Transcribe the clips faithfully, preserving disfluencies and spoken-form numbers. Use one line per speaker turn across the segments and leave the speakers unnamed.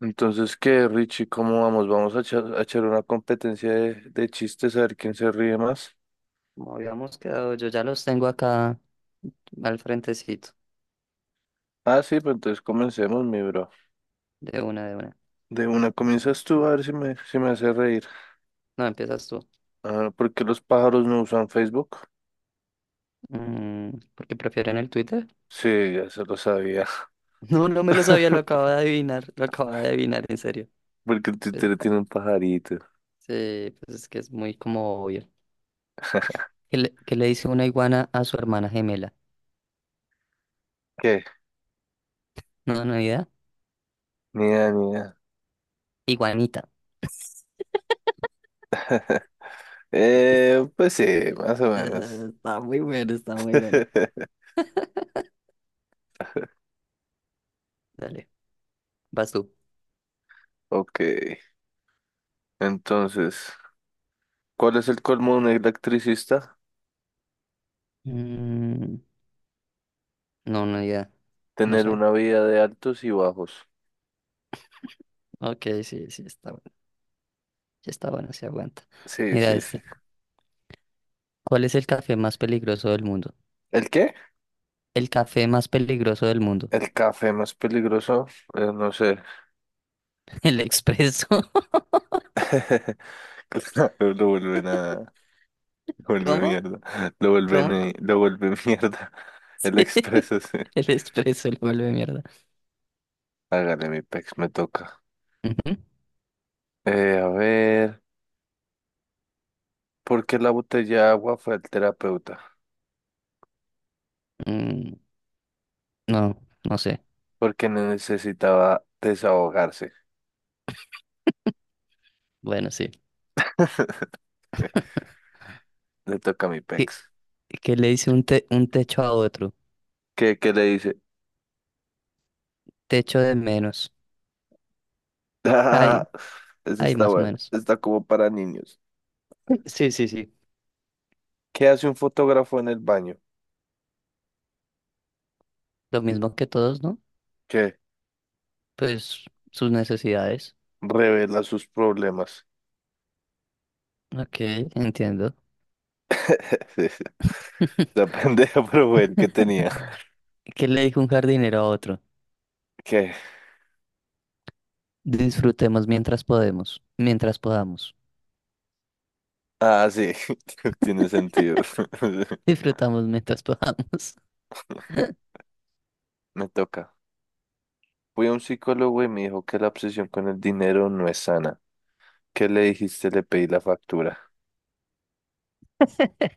Entonces, ¿qué, Richie? ¿Cómo vamos? Vamos a echar, a echar una competencia de, de chistes a ver quién se ríe más.
Como habíamos quedado, yo ya los tengo acá al frentecito,
Ah, sí, pues entonces comencemos, mi bro.
de una, de una.
De una comienzas tú a ver si me, si me hace reír.
No, empiezas tú.
Ah, ¿por qué los pájaros no usan Facebook?
Mm, ¿Por qué prefieren el Twitter?
Sí, ya se lo sabía.
No, no me lo sabía, lo acabo de adivinar, lo acabo de adivinar, en serio.
Porque el
Pues,
Twitter tiene un pajarito.
sí, pues es que es muy como obvio. ¿Qué le, qué le dice una iguana a su hermana gemela?
¿Qué?
No, no hay idea.
Mira, mira.
Iguanita. Es-
Eh, pues sí, más o menos.
eh, Está muy buena, está muy buena. Dale, vas tú.
Ok, entonces, ¿cuál es el colmo de un electricista?
Mm, no, no hay idea, no
Tener
sé.
una vida de altos y bajos.
Ok, sí, sí, está bueno, sí está bueno, se aguanta.
Sí,
Mira
sí, sí.
esta. ¿Cuál es el café más peligroso del mundo?
¿El qué?
El café más peligroso del mundo.
El café más peligroso, eh, no sé.
El expreso.
Claro, lo vuelven a... Lo vuelve
¿Cómo?
mierda. Lo vuelven,
¿Cómo?
eh, lo vuelve mierda. El
Sí.
expreso, sí.
El expreso, el vuelve mierda.
Hágale, mi pex, me toca.
Ujú.
Eh, a ver, ¿por qué la botella de agua fue al terapeuta?
Mm, no, no sé.
Porque necesitaba desahogarse.
Bueno, sí.
Le toca a mi
¿Qué,
pex.
qué le dice un, te- un techo a otro?
¿Qué, qué le dice?
Techo de menos.
Ah,
Ay,
ese
ay,
está
más o
bueno.
menos.
Está como para niños.
Sí, sí, sí.
¿Qué hace un fotógrafo en el baño?
Lo mismo que todos, ¿no?
¿Qué?
Pues sus necesidades.
Revela sus problemas.
Ok, entiendo.
Sí, sí. La pendeja, pero fue el que tenía.
¿Qué le dijo un jardinero a otro?
¿Qué?
Disfrutemos mientras podemos, mientras podamos.
Ah, sí, tiene sentido.
Disfrutamos mientras podamos.
Me toca. Fui a un psicólogo y me dijo que la obsesión con el dinero no es sana. ¿Qué le dijiste? Le pedí la factura.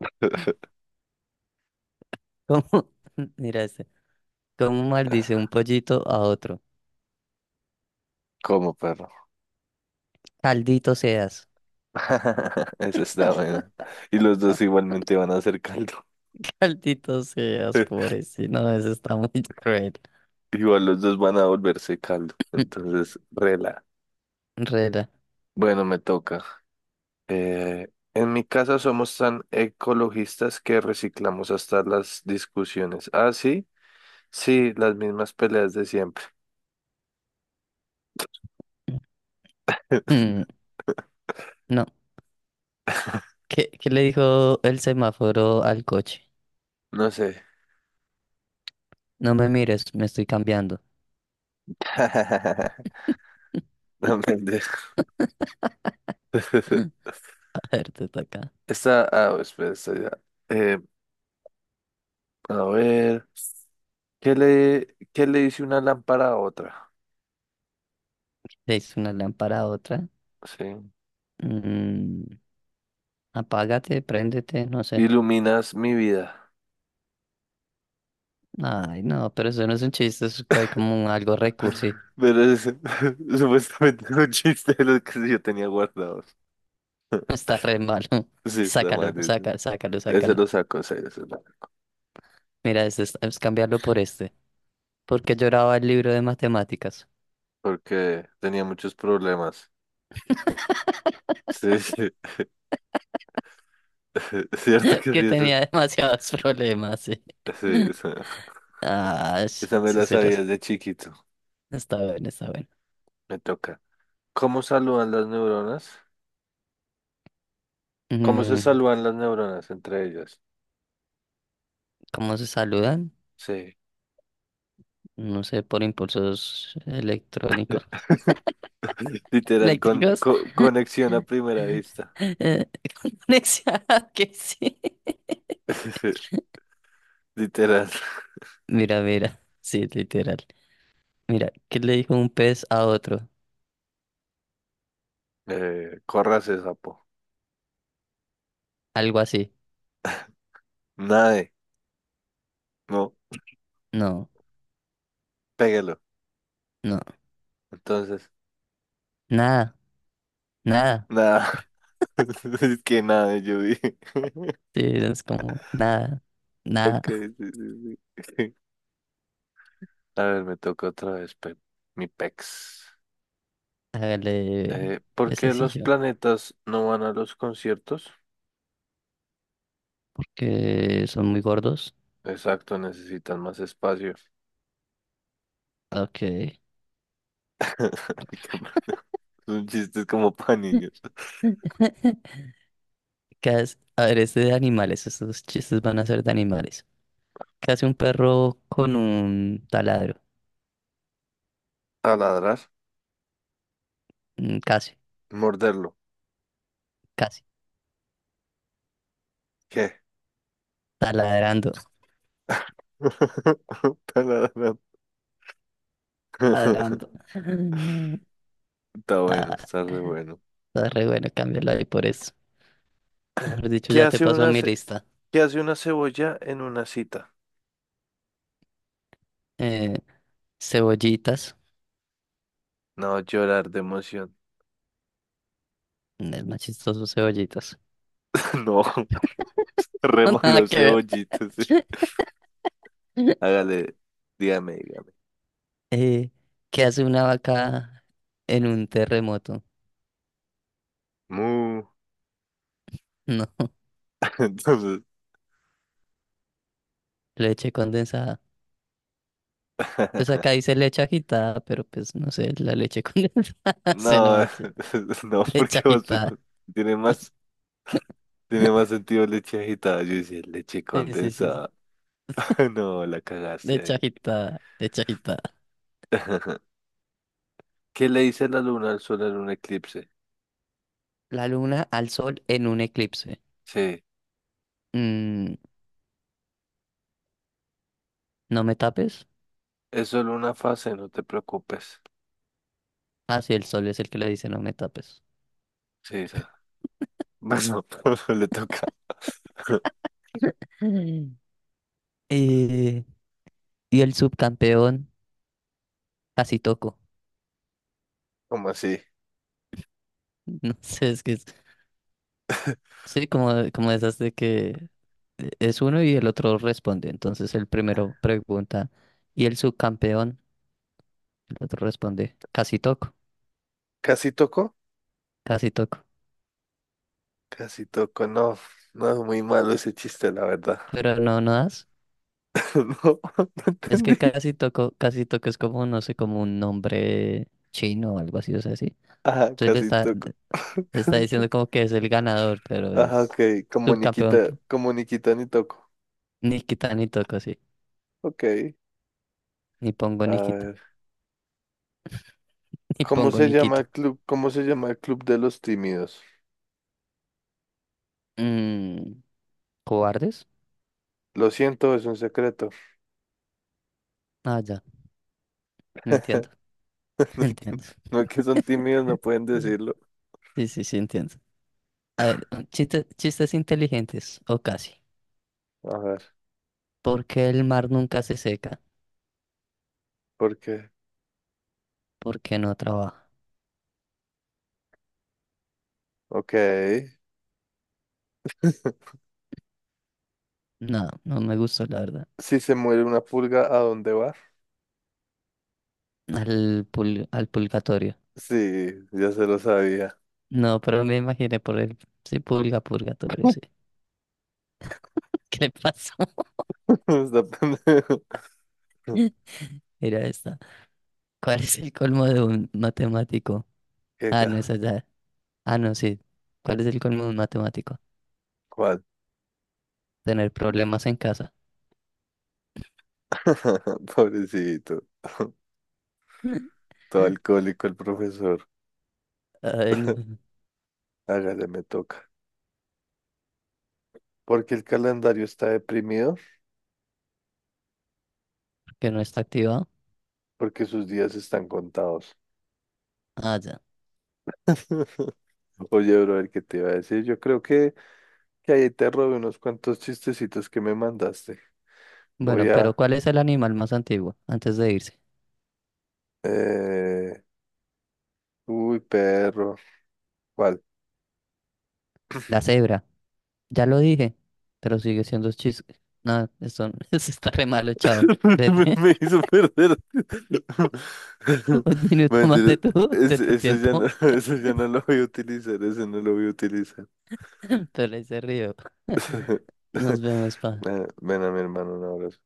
¿Cómo? Mira este. ¿Cómo maldice un pollito a otro?
¿Cómo, perro?
Caldito seas.
Esa está buena. Y los dos igualmente van a hacer caldo.
Caldito seas, pobrecito. No, eso está muy cruel.
Igual los dos van a volverse caldo. Entonces, rela.
Rela.
Bueno, me toca. Eh, en mi casa somos tan ecologistas que reciclamos hasta las discusiones. Ah, sí, sí, las mismas peleas de siempre.
Mm, No. ¿Qué, qué le dijo el semáforo al coche?
No sé.
No me mires, me estoy cambiando.
No me entiendes.
A ver, te toca.
Está, ah, espera, está ya. Eh, a ver, ¿qué le, ¿qué le dice una lámpara a otra?
Le hizo una lámpara a otra.
Sí.
Mm, apágate, préndete, no sé.
Iluminas mi vida.
Ay, no, pero eso no es un chiste, es hay como un algo recursi.
Pero es supuestamente es un chiste de los que yo tenía guardados.
Está re malo.
Sí, está
Sácalo,
mal, ese.
sácalo, sácalo,
Ese
sácalo.
lo saco, ese, ese lo
Mira, este es, es cambiarlo por este. Porque lloraba el libro de matemáticas.
porque tenía muchos problemas. Sí, sí. Es cierto que
Que
sí, eso-
tenía demasiados problemas, sí.
sí, esa,
Ah, sh-
esa me
sí
la
se los.
sabía de chiquito.
Está bien, está bien.
Me toca. ¿Cómo saludan las neuronas? ¿Cómo se
Mm,
saludan las neuronas entre ellas?
¿cómo se saludan?
Sí.
No sé, por impulsos electrónicos.
Literal, con,
Eléctricos.
co- conexión a primera vista.
Eh, conexión, que sí.
Literal.
Mira, mira, sí, literal. Mira, ¿qué le dijo un pez a otro?
Eh, córrase, sapo.
Algo así.
Nade. No,
No,
péguelo.
no,
Entonces,
nada, nada.
nada. Es que nada, yo dije.
Sí, es como nada,
Ok,
nada.
sí, sí, sí. A ver, me toca otra vez, pe- mi pex.
Hágale
Eh, ¿por
ese
qué los
sillo.
planetas no van a los conciertos?
Que son muy gordos.
Exacto, necesitan más espacio.
Ok.
Qué bueno. Son chistes como para niños.
¿Qué hace? A ver, este de animales. Estos chistes van a ser de animales. ¿Qué hace un perro con un taladro?
Taladrar,
Mm, Casi,
morderlo.
casi.
¿Qué?
Taladrando.
Taladrar.
Taladrando.
Está bueno,
Ah,
está re bueno.
está re bueno, cámbialo ahí por eso. Mejor dicho,
¿Qué
ya te
hace
pasó
una,
mi
ce-
lista.
¿Qué hace una cebolla en una cita?
Eh, cebollitas.
No, llorar de emoción.
mm, Es más chistoso cebollitas.
No, re
Nada
malo
que ver.
cebollitas. Hágale, dígame, dígame.
Eh, ¿qué hace una vaca en un terremoto?
Mu.
No,
Entonces,
leche condensada. Pues acá dice leche agitada, pero pues no sé, la leche condensada. Se no
no,
manches.
no,
Leche
porque vos-
agitada.
tiene más, tiene más sentido leche agitada. Yo decía leche
Sí, sí, sí. Sí.
condensada. No, la cagaste
Leche
ahí.
agitada, leche agitada.
¿Qué le dice la luna al sol en un eclipse?
La luna al sol en un eclipse.
Sí,
Mm, ¿no me tapes?
es solo una fase, no te preocupes.
Ah, sí, el sol es el que le dice no me tapes.
Sí, esa. Bueno, le toca.
Eh, y el subcampeón casi toco.
¿Cómo así?
No sé, es que es, sí, como, como esas de que eh, es uno y el otro responde. Entonces el primero pregunta, ¿y el subcampeón? El otro responde, casi toco,
¿Casi tocó?
casi toco.
Casi tocó, no. No es muy malo ese chiste, la verdad.
Pero no, no das.
No, no
Es que
entendí.
casi toco, casi toco es como, no sé, como un nombre chino o algo así, o sea, así.
Ah,
Entonces le
casi
está,
tocó.
le está
Casi
diciendo
tocó.
como que es el ganador, pero
Ajá, ok,
es
como
subcampeón.
Nikita, como Nikita ni toco.
Nikita ni quita ni toco, sí.
Ok,
Ni pongo
a
ni quita.
ver.
Y
¿Cómo
pongo
se llama
Nikito.
el club? ¿Cómo se llama el club de los tímidos?
Mm, ¿cobardes?
Lo siento, es un secreto.
Ah, ya, entiendo, entiendo.
No es que son tímidos, no pueden decirlo.
Sí, sí, sí, entiendo. A ver, chistes, chistes inteligentes, o casi.
A ver,
¿Por qué el mar nunca se seca?
¿por qué?
¿Por qué no trabaja?
Ok.
No, no me gustó, la verdad.
Si se muere una pulga, ¿a dónde va?
Al, pul- al purgatorio.
Sí, ya se lo sabía.
No, pero me imaginé por el... Sí, pulga, purgatorio, sí. ¿Qué le pasó?
Está pendejo.
Mira esta. ¿Cuál es el colmo de un matemático?
¿Qué
Ah, no,
ca-
esa ya. Ah, no, sí. ¿Cuál es el colmo de un matemático?
¿Cuál?
Tener problemas en casa.
Pobrecito. Todo alcohólico el profesor.
Ay, no,
Hágale, me toca. Porque el calendario está deprimido,
que no está activado.
porque sus días están contados.
Ah, ya.
Oye, bro, el que te iba a decir, yo creo que, que ahí te robé unos cuantos chistecitos que me mandaste.
Bueno,
Voy
pero
a...
¿cuál es el animal más antiguo antes de irse?
eh, Uy, perro. ¿Cuál?
La cebra. Ya lo dije, pero sigue siendo chis. No, eso, eso está re malo, chao.
Me
Vete
me hizo perder.
un minuto más de
Mentira,
tu, de
Ese,
tu
ese ya no,
tiempo,
ese ya no lo voy a utilizar, ese no lo voy a utilizar.
pero ahí se río. Nos vemos, pa.
Ven ven a mi hermano, un abrazo.